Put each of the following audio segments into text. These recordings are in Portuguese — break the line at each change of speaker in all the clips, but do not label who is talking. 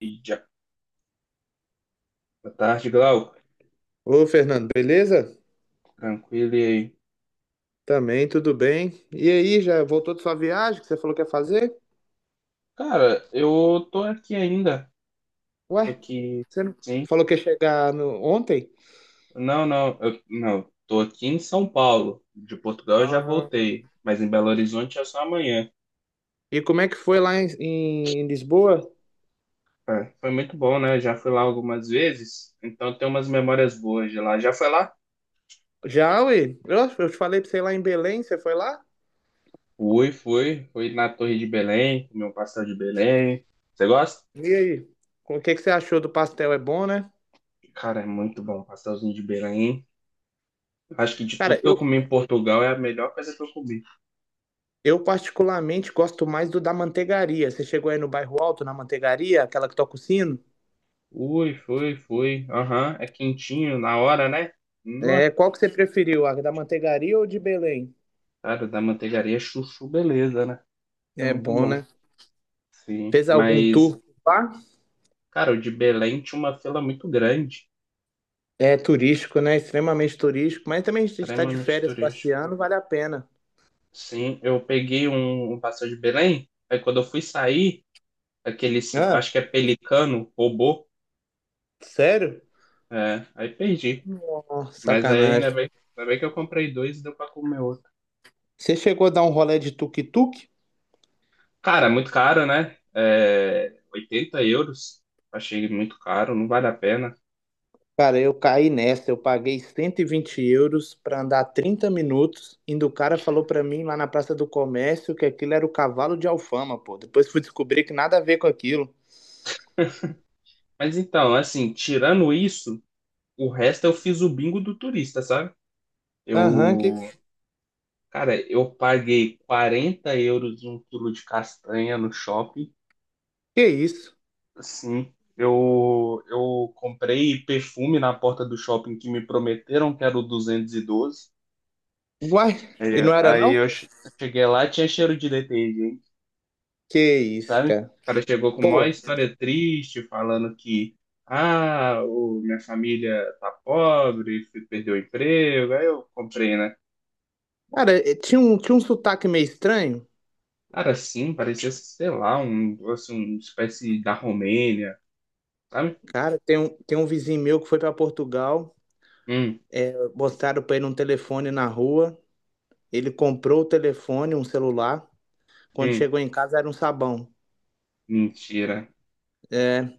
E já. Boa tarde, Glauco.
Ô, Fernando, beleza?
Tranquilo e aí?
Também, tudo bem. E aí, já voltou de sua viagem que você falou que ia fazer?
Cara, eu tô aqui ainda. Tô
Ué,
aqui,
você não
sim.
falou que ia chegar ontem?
Não, não, não. Tô aqui em São Paulo. De Portugal eu já
Ah.
voltei, mas em Belo Horizonte é só amanhã.
E como é que foi lá em Lisboa?
É, foi muito bom, né? Já fui lá algumas vezes, então tem umas memórias boas de lá. Já foi lá?
Já, ué? Eu te falei pra você ir lá em Belém, você foi lá?
Fui, fui. Fui na Torre de Belém, comi um pastel de Belém. Você gosta?
E aí? O que que você achou do pastel? É bom, né?
Cara, é muito bom, pastelzinho de Belém. Acho que de tudo
Cara,
que eu
eu,
comi em Portugal é a melhor coisa que eu comi.
eu particularmente gosto mais do da manteigaria. Você chegou aí no bairro Alto, na manteigaria, aquela que toca o sino?
Ui, foi, foi. Aham, é quentinho na hora, né? No
É, qual que você preferiu, a da manteigaria ou de Belém?
cara, da manteigaria chuchu, beleza, né? É
É
muito
bom,
bom.
né?
Sim,
Fez algum
mas,
tour lá?
cara, o de Belém tinha uma fila muito grande,
É turístico, né? Extremamente turístico. Mas também a gente está de
extremamente
férias
turístico.
passeando, vale a pena.
Sim, eu peguei um passeio de Belém, aí quando eu fui sair, aquele,
Ah,
acho que é pelicano, roubou,
sério?
é, aí perdi.
Oh,
Mas aí
sacanagem.
ainda bem que eu comprei dois e deu pra comer outro.
Você chegou a dar um rolê de tuk-tuk?
Cara, é muito caro, né? É, 80 euros. Achei muito caro, não vale a pena.
Cara, eu caí nessa. Eu paguei 120 euros para andar 30 minutos. Indo o cara falou para mim lá na Praça do Comércio que aquilo era o cavalo de Alfama, pô. Depois fui descobrir que nada a ver com aquilo.
Mas então, assim, tirando isso, o resto eu fiz o bingo do turista, sabe?
Aham,
Eu, cara, eu paguei 40 euros um quilo de castanha no shopping.
que é isso?
Assim, eu comprei perfume na porta do shopping que me prometeram que era o 212.
Uai, e
É,
não era
aí
não?
eu cheguei lá, tinha cheiro de detergente,
Que isso,
sabe? O
cara.
cara chegou com uma
Pô,
história triste, falando que, ah, minha família tá pobre, perdeu o emprego, aí eu comprei, né?
cara, tinha um sotaque meio estranho.
Cara, sim, parecia, sei lá, um, assim, uma espécie da Romênia, sabe?
Cara, tem um vizinho meu que foi para Portugal,
Hum,
mostraram para ele um telefone na rua. Ele comprou o telefone, um celular. Quando
hum,
chegou em casa era um sabão.
mentira.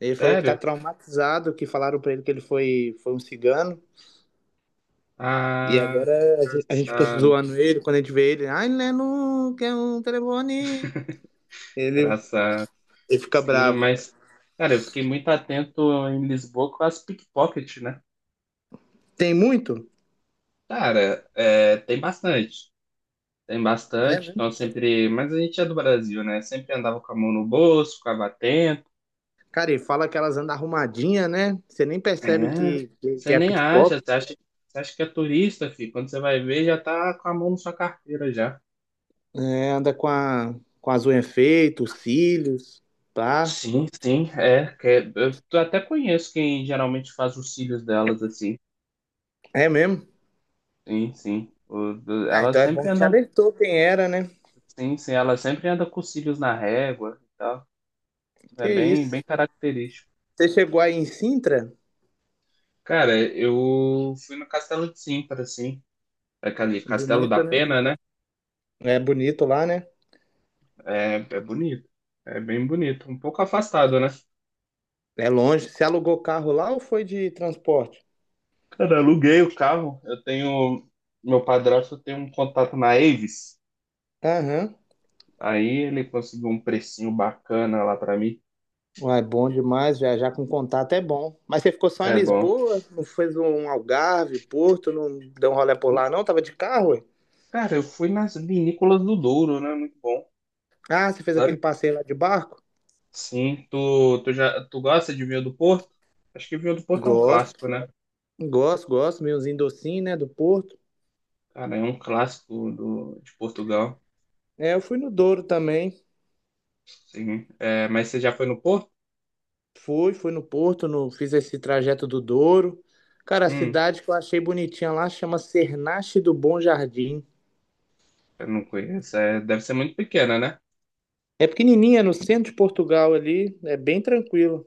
Ele falou que tá
Sério?
traumatizado, que falaram para ele que ele foi um cigano. E
Ah,
agora a gente fica
engraçado,
zoando ele quando a gente vê ele. Ai, Lenu, quer um telefone? Ele,
engraçado.
ele fica
Sim,
bravo.
mas, cara, eu fiquei muito atento em Lisboa com as pickpockets, né?
Tem muito?
Cara, é, tem bastante. Tem
É,
bastante,
né?
então sempre. Mas a gente é do Brasil, né? Sempre andava com a mão no bolso, ficava atento.
Cara, e fala que elas andam arrumadinha, né? Você nem percebe
É,
que, que,
você
que é
nem acha,
pickpocket.
você acha que é turista, filho. Quando você vai ver, já tá com a mão na sua carteira já.
É, anda com as unhas feitas, os cílios, pá.
Sim, sim, é. Eu até conheço quem geralmente faz os cílios delas assim.
É mesmo?
Sim, sim.
Ah,
Elas
então é
sempre
bom que te
andam.
alertou quem era, né?
Sim, sim, elas sempre andam com os cílios na régua e tal. É
Que
bem,
isso.
bem característico.
Você chegou aí em Sintra?
Cara, eu fui no Castelo de Sintra, assim. Aquele Castelo da
Bonito, né?
Pena, né?
É bonito lá, né?
É bonito. É bem bonito. Um pouco afastado, né?
É longe. Você alugou carro lá ou foi de transporte?
Cara, eu aluguei o carro. Eu tenho. Meu padrasto tem um contato na Avis.
Aham.
Aí ele conseguiu um precinho bacana lá pra mim.
Uai, bom demais. Viajar com contato é bom. Mas você ficou só em
É bom.
Lisboa? Não fez um Algarve, Porto? Não deu um rolê por lá, não? Tava de carro, ué?
Cara, eu fui nas vinícolas do Douro, né? Muito bom,
Ah, você fez
sabe?
aquele passeio lá de barco?
Sim, tu gosta de vinho do Porto? Acho que vinho do Porto é um
Gosto,
clássico, né?
gosto, gosto. Meiozinho docinho, né? Do Porto.
Cara, é um clássico de Portugal.
É, eu fui no Douro também.
Sim. É, mas você já foi no Porto?
Fui no Porto, no, fiz esse trajeto do Douro. Cara, a
Hum.
cidade que eu achei bonitinha lá chama Cernache do Bom Jardim.
Eu não conheço. É, deve ser muito pequena, né?
É pequenininha, é no centro de Portugal ali, é bem tranquilo.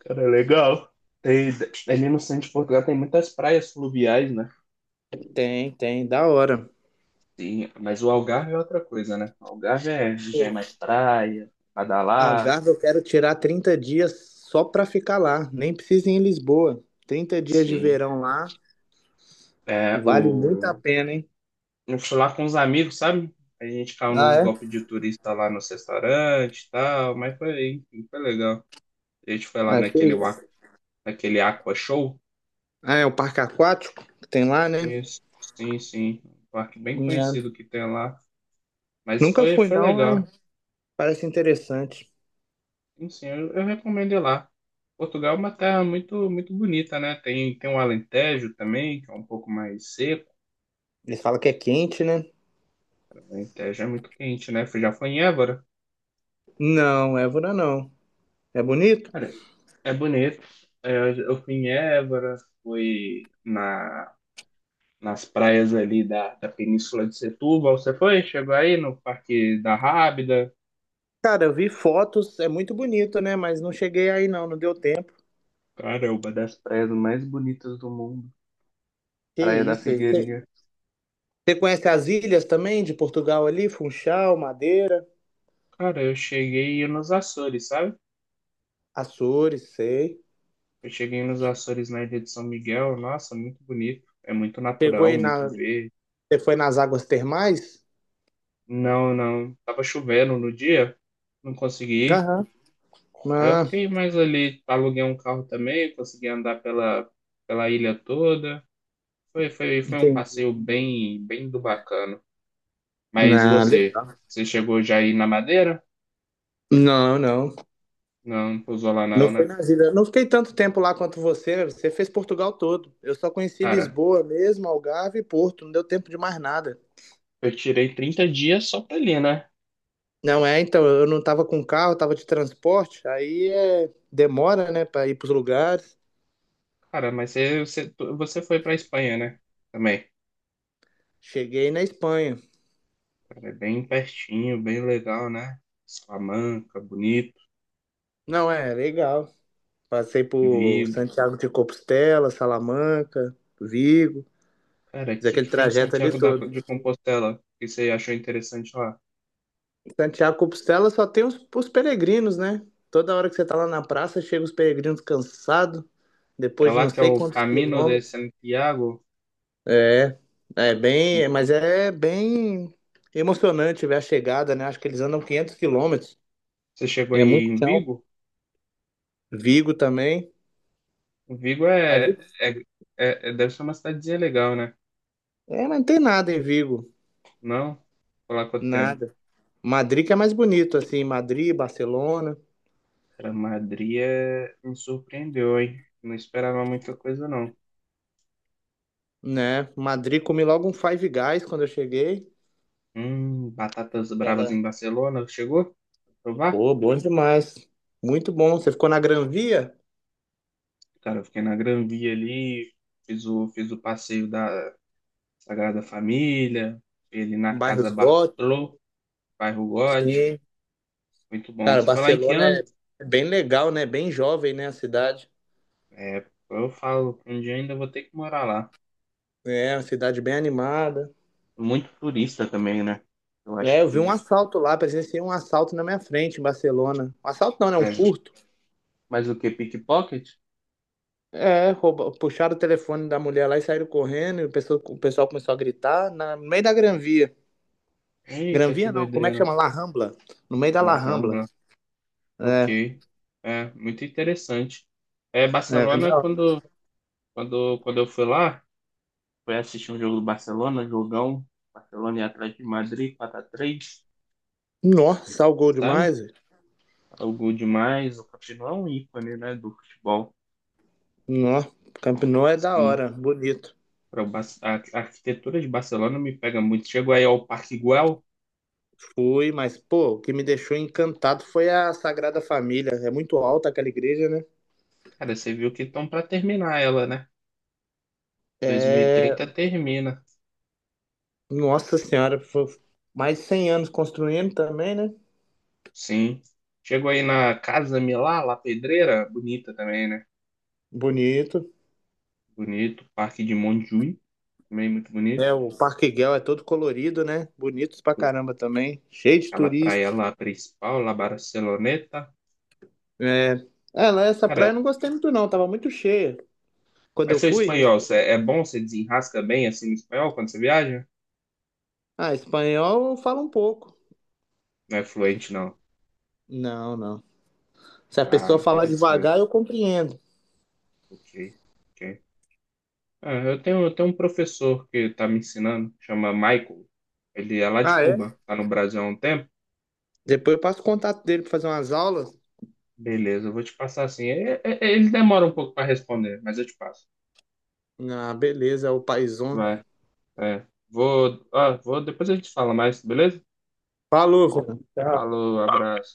Cara, é legal. Tem, ali no centro de Portugal tem muitas praias fluviais, né?
Tem, da hora.
Sim, mas o Algarve é outra coisa, né? O Algarve é, já é
Pô,
mais praia, badalado,
Algarve eu quero tirar 30 dias só pra ficar lá. Nem precisa ir em Lisboa. 30 dias de
sim.
verão lá,
É,
vale muito a pena, hein?
Eu fui lá com os amigos, sabe? A gente caiu
Ah,
nos
é?
golpes de turista lá nos restaurantes e tal, mas foi, enfim, foi legal. A gente foi lá
Ah, que isso.
naquele Aqua Show.
Ah, é o parque aquático que tem lá, né?
Isso, sim, sim. Um parque bem
É.
conhecido que tem lá. Mas
Nunca
foi,
fui,
foi
não, né?
legal.
Parece interessante.
Sim, sim, eu recomendo ir lá. Portugal é uma terra muito, muito bonita, né? Tem o Alentejo também, que é um pouco mais seco.
Eles falam que é quente, né?
O Alentejo é muito quente, né? Já foi em Évora.
Não, Évora não. É bonito?
Cara, é bonito. É, eu fui em Évora, fui nas praias ali da Península de Setúbal. Você foi? Chegou aí no Parque da Rábida.
Cara, eu vi fotos, é muito bonito, né? Mas não cheguei aí não, não deu tempo.
Cara, é uma das praias mais bonitas do mundo.
Que
Praia da
isso aí. Você
Figueirinha.
você conhece as ilhas também de Portugal ali? Funchal, Madeira,
Cara, eu cheguei nos Açores, sabe?
Açores, sei.
Eu cheguei nos Açores na Ilha de São Miguel, nossa, muito bonito. É muito
Chegou
natural,
aí
muito
na.
verde.
Você foi nas águas termais?
Não, não. Tava chovendo no dia, não consegui ir.
Aham.
Aí eu
Ah,
fiquei mais ali, aluguei um carro também, consegui andar pela ilha toda. Foi um
entendi.
passeio bem, bem do bacana. Mas
Nada.
você chegou já aí na Madeira?
Não, não.
Não, não pousou lá
Não
não,
foi
né?
na ilhas. Não fiquei tanto tempo lá quanto você. Você fez Portugal todo. Eu só conheci
Cara,
Lisboa mesmo, Algarve e Porto. Não deu tempo de mais nada.
eu tirei 30 dias só pra ali, né?
Não é, então, eu não tava com carro, tava de transporte. Aí é, demora, né, para ir pros lugares.
Cara, mas você foi pra Espanha, né? Também.
Cheguei na Espanha.
Cara, é bem pertinho, bem legal, né? Salamanca, bonito,
Não é, legal. Passei por
Vigo.
Santiago de Compostela, Salamanca, Vigo,
Cara, o
fiz
que
aquele
que tem em
trajeto ali
Santiago
todo.
de Compostela que você achou interessante lá?
Santiago de Compostela só tem os peregrinos, né? Toda hora que você tá lá na praça, chega os peregrinos cansados,
É
depois de
lá
não
que é
sei
o
quantos
Camino de
quilômetros.
Santiago?
É,
Muito
mas
bom.
é bem emocionante ver a chegada, né? Acho que eles andam 500 quilômetros.
Você chegou
É
aí
muito
em
chão.
Vigo?
Vigo também.
Vigo
Aí,
deve ser uma cidadezinha legal, né?
É, mas não tem nada em Vigo,
Não? Por lá quanto tempo?
nada. Madrid que é mais bonito, assim, Madrid, Barcelona,
Cara, Madrid me surpreendeu, hein? Não esperava muita coisa, não.
né? Madrid comi logo um Five Guys quando eu cheguei.
Batatas bravas em Barcelona, chegou? Provar?
Pô, bom demais. Muito bom. Você ficou na Gran Via?
Cara, eu fiquei na Gran Via ali, fiz o passeio da Sagrada Família, fiquei ali na Casa
Bairros góticos,
Bartolô, bairro Gótico,
sim.
muito bom.
Cara,
Você falar em que
Barcelona
ano?
é bem legal, né? Bem jovem, né? A cidade.
É, eu falo, um dia ainda vou ter que morar lá.
É, uma cidade bem animada.
Muito turista também, né? Eu acho
É, eu vi um
que.
assalto lá, presenciei um assalto na minha frente em Barcelona. Um assalto não, né? Um
Mas,
furto.
mas o que? Pickpocket?
É, rouba, puxaram o telefone da mulher lá e saíram correndo. E o pessoal começou a gritar no meio da Gran Via. Gran
Eita, que
Via não, como é que
doideira.
chama? La Rambla. No meio da La Rambla.
Caramba,
É,
ok. É, muito interessante. É,
é,
Barcelona,
não.
quando eu fui lá, foi assistir um jogo do Barcelona, jogão. Barcelona e Atlético de Madrid, 4-3,
Nossa, salgou
sabe?
demais.
Algo demais. O Coutinho é um ícone, né, do futebol.
Nó, Camp Nou é da
Sim.
hora, bonito.
A arquitetura de Barcelona me pega muito. Chegou aí ao Parque Güell.
Fui, mas, pô, o que me deixou encantado foi a Sagrada Família. É muito alta aquela igreja, né?
Cara, você viu que estão para terminar ela, né? dois mil e
É,
trinta termina.
nossa senhora, foi mais de 100 anos construindo também, né?
Sim. Chegou aí na Casa Milá, La Pedreira. Bonita também, né?
Bonito.
Bonito. Parque de Montjuïc, também muito bonito.
É, o Parque Guel é todo colorido, né? Bonitos pra caramba também. Cheio de
Aquela
turista.
praia lá principal, La Barceloneta.
É, é, lá essa praia
Cara,
eu não gostei muito não, tava muito cheia. Quando
mas
eu
seu
fui,
espanhol, é bom? Você desenrasca bem assim no espanhol quando você viaja?
ah, espanhol eu falo um pouco.
Não é fluente, não.
Não, não. Se a
Ah,
pessoa falar
interessante.
devagar, eu compreendo.
Ok, ok. Ah, eu tenho um professor que tá me ensinando, chama Michael. Ele é lá de
Ah, é?
Cuba, tá no Brasil há um tempo.
Depois eu passo o contato dele pra fazer umas aulas.
Beleza, eu vou te passar assim. Ele demora um pouco para responder, mas eu te passo.
Ah, beleza, é o paizão.
Vai, é. Vou, depois a gente fala mais, beleza?
Falou, Juan. Tchau.
Falou, abraço.